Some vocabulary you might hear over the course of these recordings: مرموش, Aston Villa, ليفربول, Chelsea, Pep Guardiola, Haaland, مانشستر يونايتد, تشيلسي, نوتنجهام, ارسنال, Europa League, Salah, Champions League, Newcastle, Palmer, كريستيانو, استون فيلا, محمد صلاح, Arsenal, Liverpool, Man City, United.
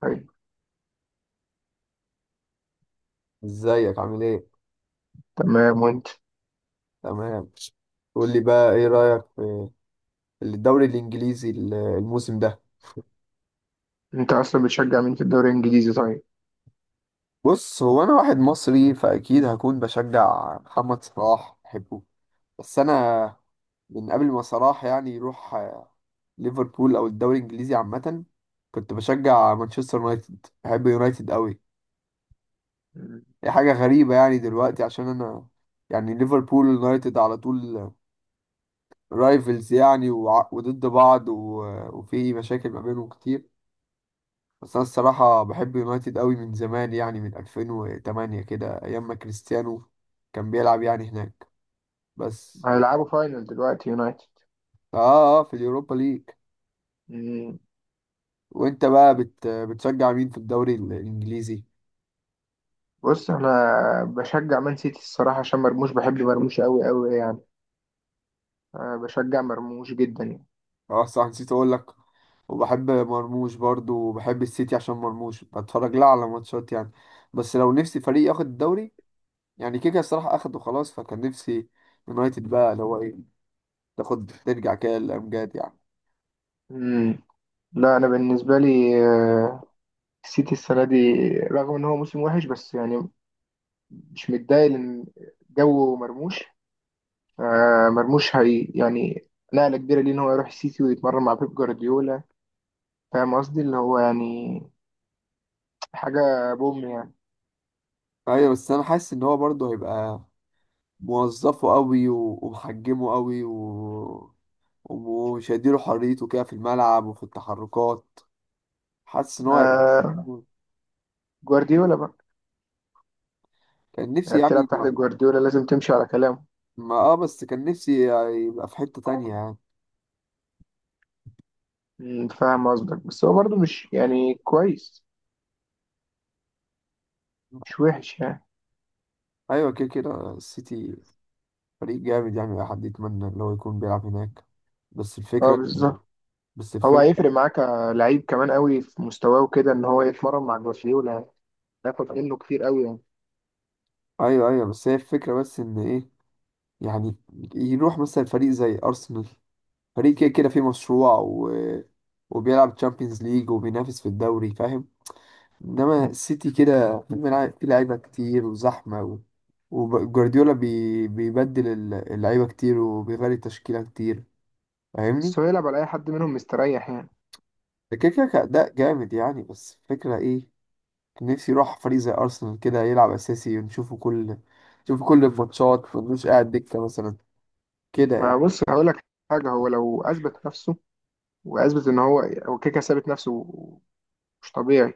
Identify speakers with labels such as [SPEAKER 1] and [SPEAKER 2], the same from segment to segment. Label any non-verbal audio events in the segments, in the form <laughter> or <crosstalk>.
[SPEAKER 1] طيب،
[SPEAKER 2] ازيك عامل ايه؟
[SPEAKER 1] تمام وانت؟
[SPEAKER 2] تمام. قول لي بقى ايه رأيك في الدوري الانجليزي الموسم ده؟
[SPEAKER 1] انت اصلا بتشجع مين في الدوري الانجليزي طيب؟
[SPEAKER 2] بص، هو انا واحد مصري فاكيد هكون بشجع محمد صلاح، بحبه. بس انا من قبل ما صلاح يعني يروح ليفربول او الدوري الانجليزي عامة، كنت بشجع مانشستر يونايتد، بحب يونايتد قوي.
[SPEAKER 1] مم.
[SPEAKER 2] هي حاجة غريبة يعني دلوقتي عشان انا يعني ليفربول ويونايتد على طول رايفلز يعني وضد بعض وفي مشاكل ما بينهم كتير. بس انا الصراحه بحب يونايتد قوي من زمان يعني من 2008 كده، ايام ما كريستيانو كان بيلعب يعني هناك. بس
[SPEAKER 1] هيلعبوا فاينل دلوقتي يونايتد.
[SPEAKER 2] اه في اليوروبا ليج.
[SPEAKER 1] مم.
[SPEAKER 2] وانت بقى بتشجع مين في الدوري الانجليزي؟
[SPEAKER 1] بص انا بشجع مان سيتي الصراحه عشان مرموش، بحب مرموش قوي قوي يعني. أه بشجع مرموش جدا يعني.
[SPEAKER 2] اه صح، نسيت اقول لك، وبحب مرموش برضو وبحب السيتي عشان مرموش بتفرج لها على ماتشات يعني. بس لو نفسي فريق ياخد الدوري، يعني كيكا الصراحه اخده خلاص، فكان نفسي يونايتد بقى، اللي هو ايه، تاخد ترجع كده للامجاد يعني.
[SPEAKER 1] مم. لا انا بالنسبه لي آه، السيتي السنه دي رغم ان هو موسم وحش بس يعني مش متضايق لان جو مرموش. مرموش هي يعني نقله كبيره ليه ان هو يروح السيتي ويتمرن مع بيب جوارديولا. فاهم قصدي اللي هو يعني حاجة بوم يعني.
[SPEAKER 2] ايوه بس انا حاسس ان هو برضو هيبقى موظفه قوي ومحجمه قوي ومش هيديله حريته كده في الملعب وفي التحركات. حاسس ان هو هيبقى.
[SPEAKER 1] آه، جوارديولا بقى.
[SPEAKER 2] كان نفسي
[SPEAKER 1] يعني
[SPEAKER 2] يعني
[SPEAKER 1] بتلعب تحت
[SPEAKER 2] ما
[SPEAKER 1] جوارديولا لازم تمشي على كلامه.
[SPEAKER 2] اه بس كان نفسي يبقى في حتة تانية يعني.
[SPEAKER 1] فاهم قصدك، بس هو برضه مش يعني كويس، مش وحش يعني.
[SPEAKER 2] ايوه كده كده السيتي فريق جامد يعني، اي حد يتمنى ان هو يكون بيلعب هناك. بس
[SPEAKER 1] اه،
[SPEAKER 2] الفكرة،
[SPEAKER 1] بالظبط.
[SPEAKER 2] بس
[SPEAKER 1] هو
[SPEAKER 2] الفكرة
[SPEAKER 1] هيفرق معاه كلعيب كمان قوي في مستواه وكده ان هو يتمرن مع جوارديولا يعني هياخد منه كتير قوي يعني.
[SPEAKER 2] ايوه ايوه، بس هي الفكرة بس ان ايه، يعني يروح مثلا فريق زي ارسنال، فريق كده كده فيه مشروع وبيلعب تشامبيونز ليج وبينافس في الدوري، فاهم؟ انما السيتي كده في في لعيبه كتير وزحمه وجوارديولا بيبدل اللعيبه كتير وبيغير التشكيله كتير،
[SPEAKER 1] بس
[SPEAKER 2] فاهمني؟
[SPEAKER 1] هو يلعب على اي حد منهم مستريح يعني.
[SPEAKER 2] ده كده كده كأداء جامد يعني، بس فكرة ايه، كان نفسي يروح فريق زي ارسنال كده، يلعب اساسي ونشوفه كل، نشوفه كل الماتشات ونمش قاعد دكه مثلا كده يعني.
[SPEAKER 1] ما بص هقول لك حاجة، هو لو اثبت نفسه واثبت ان هو كيكا ثابت نفسه مش طبيعي.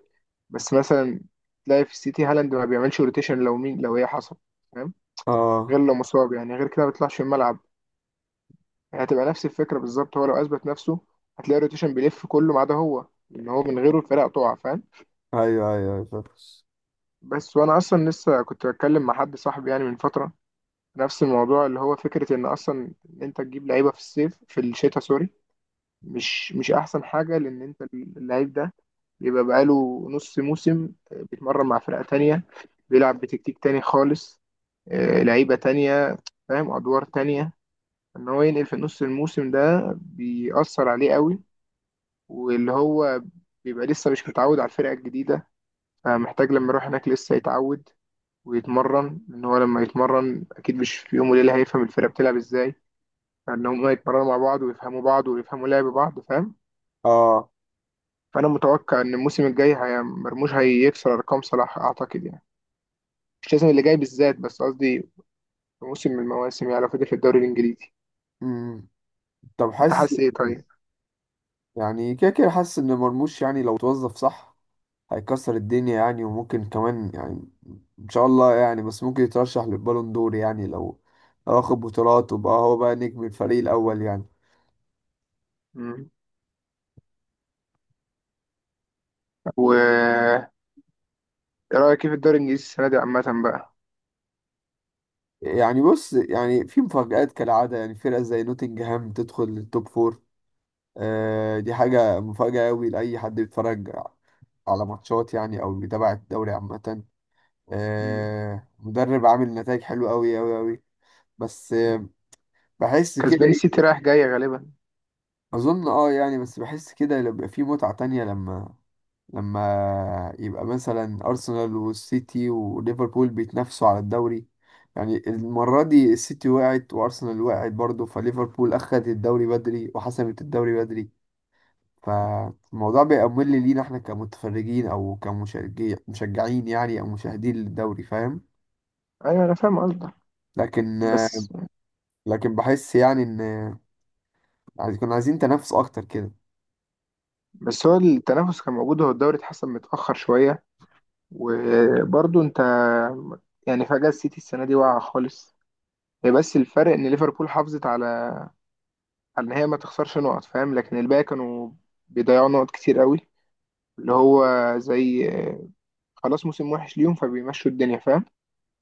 [SPEAKER 1] بس مثلا تلاقي في السيتي هالاند ما بيعملش روتيشن لو مين لو هي حصل، فاهم؟ غير
[SPEAKER 2] اه،
[SPEAKER 1] لو مصاب يعني، غير كده ما بيطلعش الملعب. يعني هتبقى نفس الفكره بالظبط، هو لو اثبت نفسه هتلاقي روتيشن بيلف كله ما عدا هو، ان هو من غيره الفرق تقع، فاهم؟
[SPEAKER 2] ايوه ايوه أيوة، فاهم.
[SPEAKER 1] بس وانا اصلا لسه كنت بتكلم مع حد صاحبي يعني من فتره نفس الموضوع، اللي هو فكره ان اصلا إن انت تجيب لعيبه في الصيف في الشتاء سوري، مش احسن حاجه لان انت اللعيب ده بيبقى بقاله نص موسم بيتمرن مع فرقه تانية، بيلعب بتكتيك تاني خالص، لعيبه تانية، فاهم، ادوار تانية. ان هو ينقل في نص الموسم ده بيأثر عليه قوي، واللي هو بيبقى لسه مش متعود على الفرقه الجديده، فمحتاج لما يروح هناك لسه يتعود ويتمرن، ان هو لما يتمرن اكيد مش في يوم وليله هيفهم الفرقه بتلعب ازاي، فان هم يتمرنوا مع بعض ويفهموا بعض ويفهموا لعب بعض، فاهم؟
[SPEAKER 2] اه.
[SPEAKER 1] فانا متوقع ان الموسم الجاي هي مرموش هيكسر ارقام صلاح اعتقد يعني، مش لازم اللي جاي بالذات بس قصدي في موسم من المواسم يعني لو فضل في الدوري الانجليزي.
[SPEAKER 2] امم طب
[SPEAKER 1] انت
[SPEAKER 2] حاسس،
[SPEAKER 1] حاسس ايه طيب؟
[SPEAKER 2] يعني كده كده حاسس ان مرموش يعني لو توظف صح هيكسر الدنيا يعني، وممكن كمان يعني، ان شاء الله يعني، بس ممكن يترشح للبالون دور يعني لو، لو اخد بطولات وبقى هو بقى نجم الفريق الاول يعني.
[SPEAKER 1] مم. و ايه رايك إيه في الدوري الانجليزي السنه دي عامه بقى؟
[SPEAKER 2] يعني بص، يعني في مفاجآت كالعادة يعني، فرقة زي نوتنجهام تدخل للتوب فور، آه دي حاجة مفاجأة أوي لأي حد بيتفرج على ماتشات يعني أو بيتابع الدوري عامة.
[SPEAKER 1] مم.
[SPEAKER 2] آه مدرب عامل نتائج حلوة أوي أوي أوي. بس آه بحس كده
[SPEAKER 1] كسبان السيتي
[SPEAKER 2] إيه،
[SPEAKER 1] رايح جاي غالبا.
[SPEAKER 2] أظن أه يعني، بس بحس كده بيبقى في متعة تانية لما، لما يبقى مثلا أرسنال والسيتي وليفربول بيتنافسوا على الدوري، يعني المرة دي السيتي وقعت وأرسنال وقعت برضه، فليفربول أخدت الدوري بدري وحسمت الدوري بدري، فالموضوع بيبقى ممل لينا احنا كمتفرجين أو كمشجعين، مشجعين يعني، أو مشاهدين للدوري، فاهم؟
[SPEAKER 1] ايوه انا فاهم قصدك،
[SPEAKER 2] لكن،
[SPEAKER 1] بس
[SPEAKER 2] لكن بحس يعني إن كنا عايزين تنافس أكتر كده.
[SPEAKER 1] بس هو التنافس كان موجود، هو الدوري اتحسن متاخر شويه وبرضه انت يعني فجاه السيتي السنه دي واقعه خالص، هي بس الفرق ان ليفربول حافظت على ان هي ما تخسرش نقط، فاهم؟ لكن الباقي كانوا بيضيعوا نقط كتير قوي، اللي هو زي خلاص موسم وحش ليهم فبيمشوا الدنيا، فاهم؟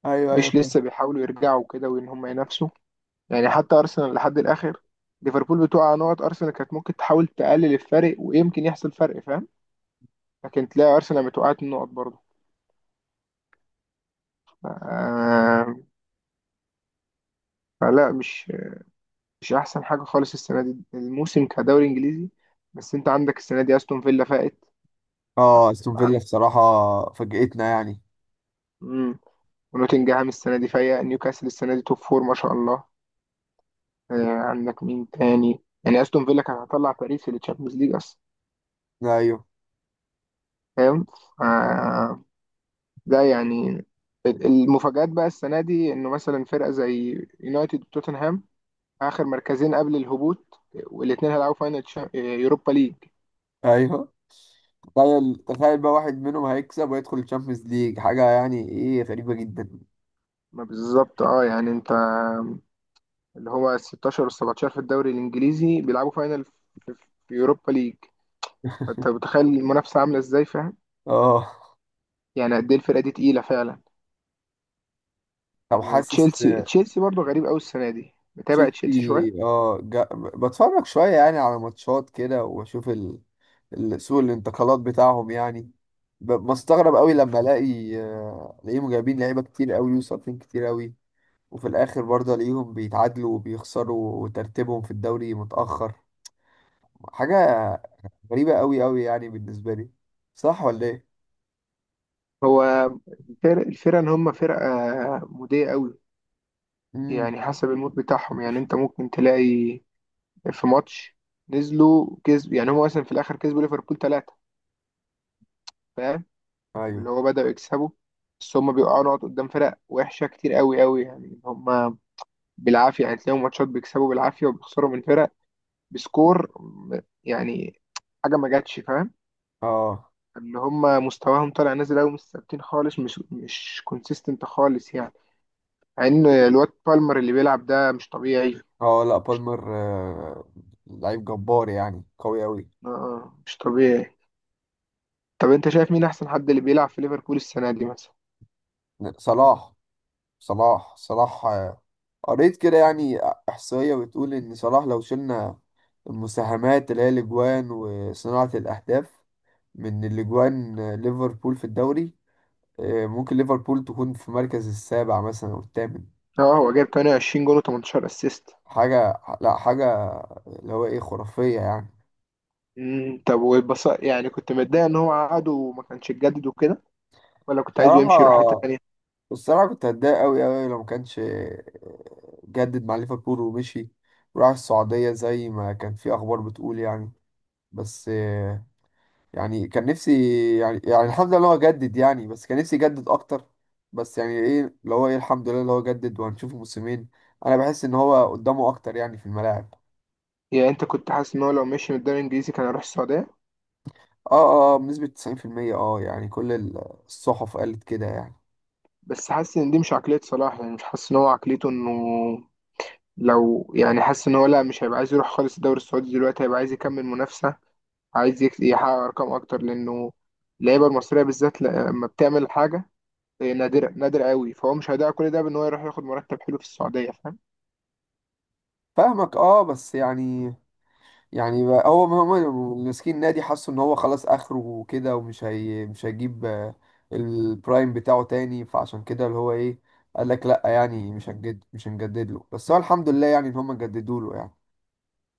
[SPEAKER 2] ايوه ايوه،
[SPEAKER 1] مش لسه
[SPEAKER 2] فاهم.
[SPEAKER 1] بيحاولوا يرجعوا كده وان هم ينافسوا، يعني حتى ارسنال لحد الاخر ليفربول بتوقع نقط ارسنال كانت ممكن تحاول تقلل الفرق ويمكن يحصل فرق، فاهم؟ لكن تلاقي ارسنال متوقعت النقط برضه آه، فلا، مش احسن حاجه خالص السنه دي الموسم كدوري انجليزي. بس انت عندك السنه دي استون فيلا فائت
[SPEAKER 2] اه، استون فيلا بصراحة فاجئتنا يعني.
[SPEAKER 1] ونوتنجهام السنة دي فايق، نيوكاسل السنة دي توب فور، ما شاء الله. آه، عندك مين تاني يعني، استون فيلا كان هيطلع باريس في التشامبيونز ليج اصلا،
[SPEAKER 2] ايوه
[SPEAKER 1] فاهم؟ آه، ده يعني المفاجآت بقى السنة دي انه مثلا فرقة زي يونايتد وتوتنهام اخر مركزين قبل الهبوط، والاتنين هيلعبوا فاينل يوروبا ليج.
[SPEAKER 2] ايوه، تخيل تخيل بقى واحد منهم هيكسب ويدخل الشامبيونز ليج، حاجة يعني ايه غريبة جدا.
[SPEAKER 1] ما بالظبط، اه يعني انت اللي هو ال 16 وال 17 في الدوري الانجليزي بيلعبوا فاينل في يوروبا ليج، فانت
[SPEAKER 2] <laughs>
[SPEAKER 1] متخيل المنافسة عاملة ازاي،
[SPEAKER 2] اه.
[SPEAKER 1] يعني قد ايه الفرقه دي تقيله فعلا.
[SPEAKER 2] طب حاسس،
[SPEAKER 1] وتشيلسي، تشيلسي برضه غريب قوي السنه دي، متابع تشيلسي شويه؟
[SPEAKER 2] تشيلسي اه بتفرج شوية يعني على ماتشات كده واشوف سوق الانتقالات بتاعهم يعني، بستغرب قوي لما الاقي الاقيهم جايبين لعيبة كتير قوي وصابين كتير قوي، وفي الاخر برضه الاقيهم بيتعادلوا وبيخسروا وترتيبهم في الدوري متأخر. حاجة غريبة قوي قوي يعني بالنسبة لي، صح ولا ايه؟
[SPEAKER 1] هو الفرقه ان هم فرقه موديه قوي،
[SPEAKER 2] مم.
[SPEAKER 1] يعني حسب المود بتاعهم، يعني انت ممكن تلاقي في ماتش نزلوا كسب، يعني هم مثلا في الاخر كسبوا ليفربول ثلاثه، فاهم؟ واللي
[SPEAKER 2] ايوه.
[SPEAKER 1] هو بداوا يكسبوا، بس هم بيقعوا نقط قدام فرق وحشه كتير قوي قوي يعني، هم بالعافيه يعني، تلاقيهم ماتشات بيكسبوا بالعافيه وبيخسروا من فرق بسكور يعني حاجه ما جاتش، فاهم؟
[SPEAKER 2] اه.
[SPEAKER 1] اللي هم مستواهم طالع نازل قوي، مش ثابتين خالص، مش كونسيستنت خالص يعني، مع ان الواد بالمر اللي بيلعب ده مش طبيعي.
[SPEAKER 2] اه لا، بالمر لعيب جبار يعني قوي قوي.
[SPEAKER 1] آه آه، مش طبيعي. طب انت شايف مين احسن حد اللي بيلعب في ليفربول السنه دي مثلا؟
[SPEAKER 2] صلاح، صلاح آه، قريت كده يعني احصائيه بتقول ان صلاح لو شلنا المساهمات اللي هي الاجوان وصناعه الاهداف، من الاجوان آه، ليفربول في الدوري آه، ممكن ليفربول تكون في مركز السابع مثلا او الثامن.
[SPEAKER 1] اه، هو جاب 28 جول و18 اسيست.
[SPEAKER 2] حاجه، لا حاجه اللي هو ايه خرافيه يعني.
[SPEAKER 1] طب والبص يعني كنت متضايق ان هو عقد وما كانش اتجدد وكده ولا كنت عايزه
[SPEAKER 2] بصراحه،
[SPEAKER 1] يمشي يروح حته تانيه؟
[SPEAKER 2] الصراحة كنت هتضايق أوي أوي أوي لو ما كانش جدد مع ليفربول ومشي وراح السعودية زي ما كان في أخبار بتقول يعني. بس يعني كان نفسي يعني، يعني الحمد لله إن هو جدد يعني، بس كان نفسي يجدد أكتر. بس يعني إيه اللي هو إيه، الحمد لله اللي هو جدد وهنشوفه موسمين. أنا بحس إن هو قدامه أكتر يعني في الملاعب.
[SPEAKER 1] يعني انت كنت حاسس ان هو لو مشي من الدوري الانجليزي كان هيروح السعوديه؟
[SPEAKER 2] أه أه آه، بنسبة 90%، أه يعني كل الصحف قالت كده يعني.
[SPEAKER 1] بس حاسس ان دي مش عقليه صلاح، يعني مش حاسس ان هو عقليته انه لو يعني، حاسس ان هو لا مش هيبقى عايز يروح خالص الدوري السعودي دلوقتي، هيبقى عايز يكمل منافسة، عايز يحقق ارقام اكتر، لانه اللعيبة المصرية بالذات لما بتعمل حاجة هي نادرة، نادر قوي، فهو مش هيضيع كل ده بان هو يروح ياخد مرتب حلو في السعودية، فاهم؟
[SPEAKER 2] فاهمك، أه بس يعني، يعني بقى هو هم ماسكين نادي حسوا ان هو خلاص اخره وكده، ومش هي مش هيجيب آه، البرايم بتاعه تاني، فعشان كده اللي هو ايه قال لك لا يعني، مش هنجد مش هنجدد له، بس هو الحمد لله يعني ان هم جددوا له يعني.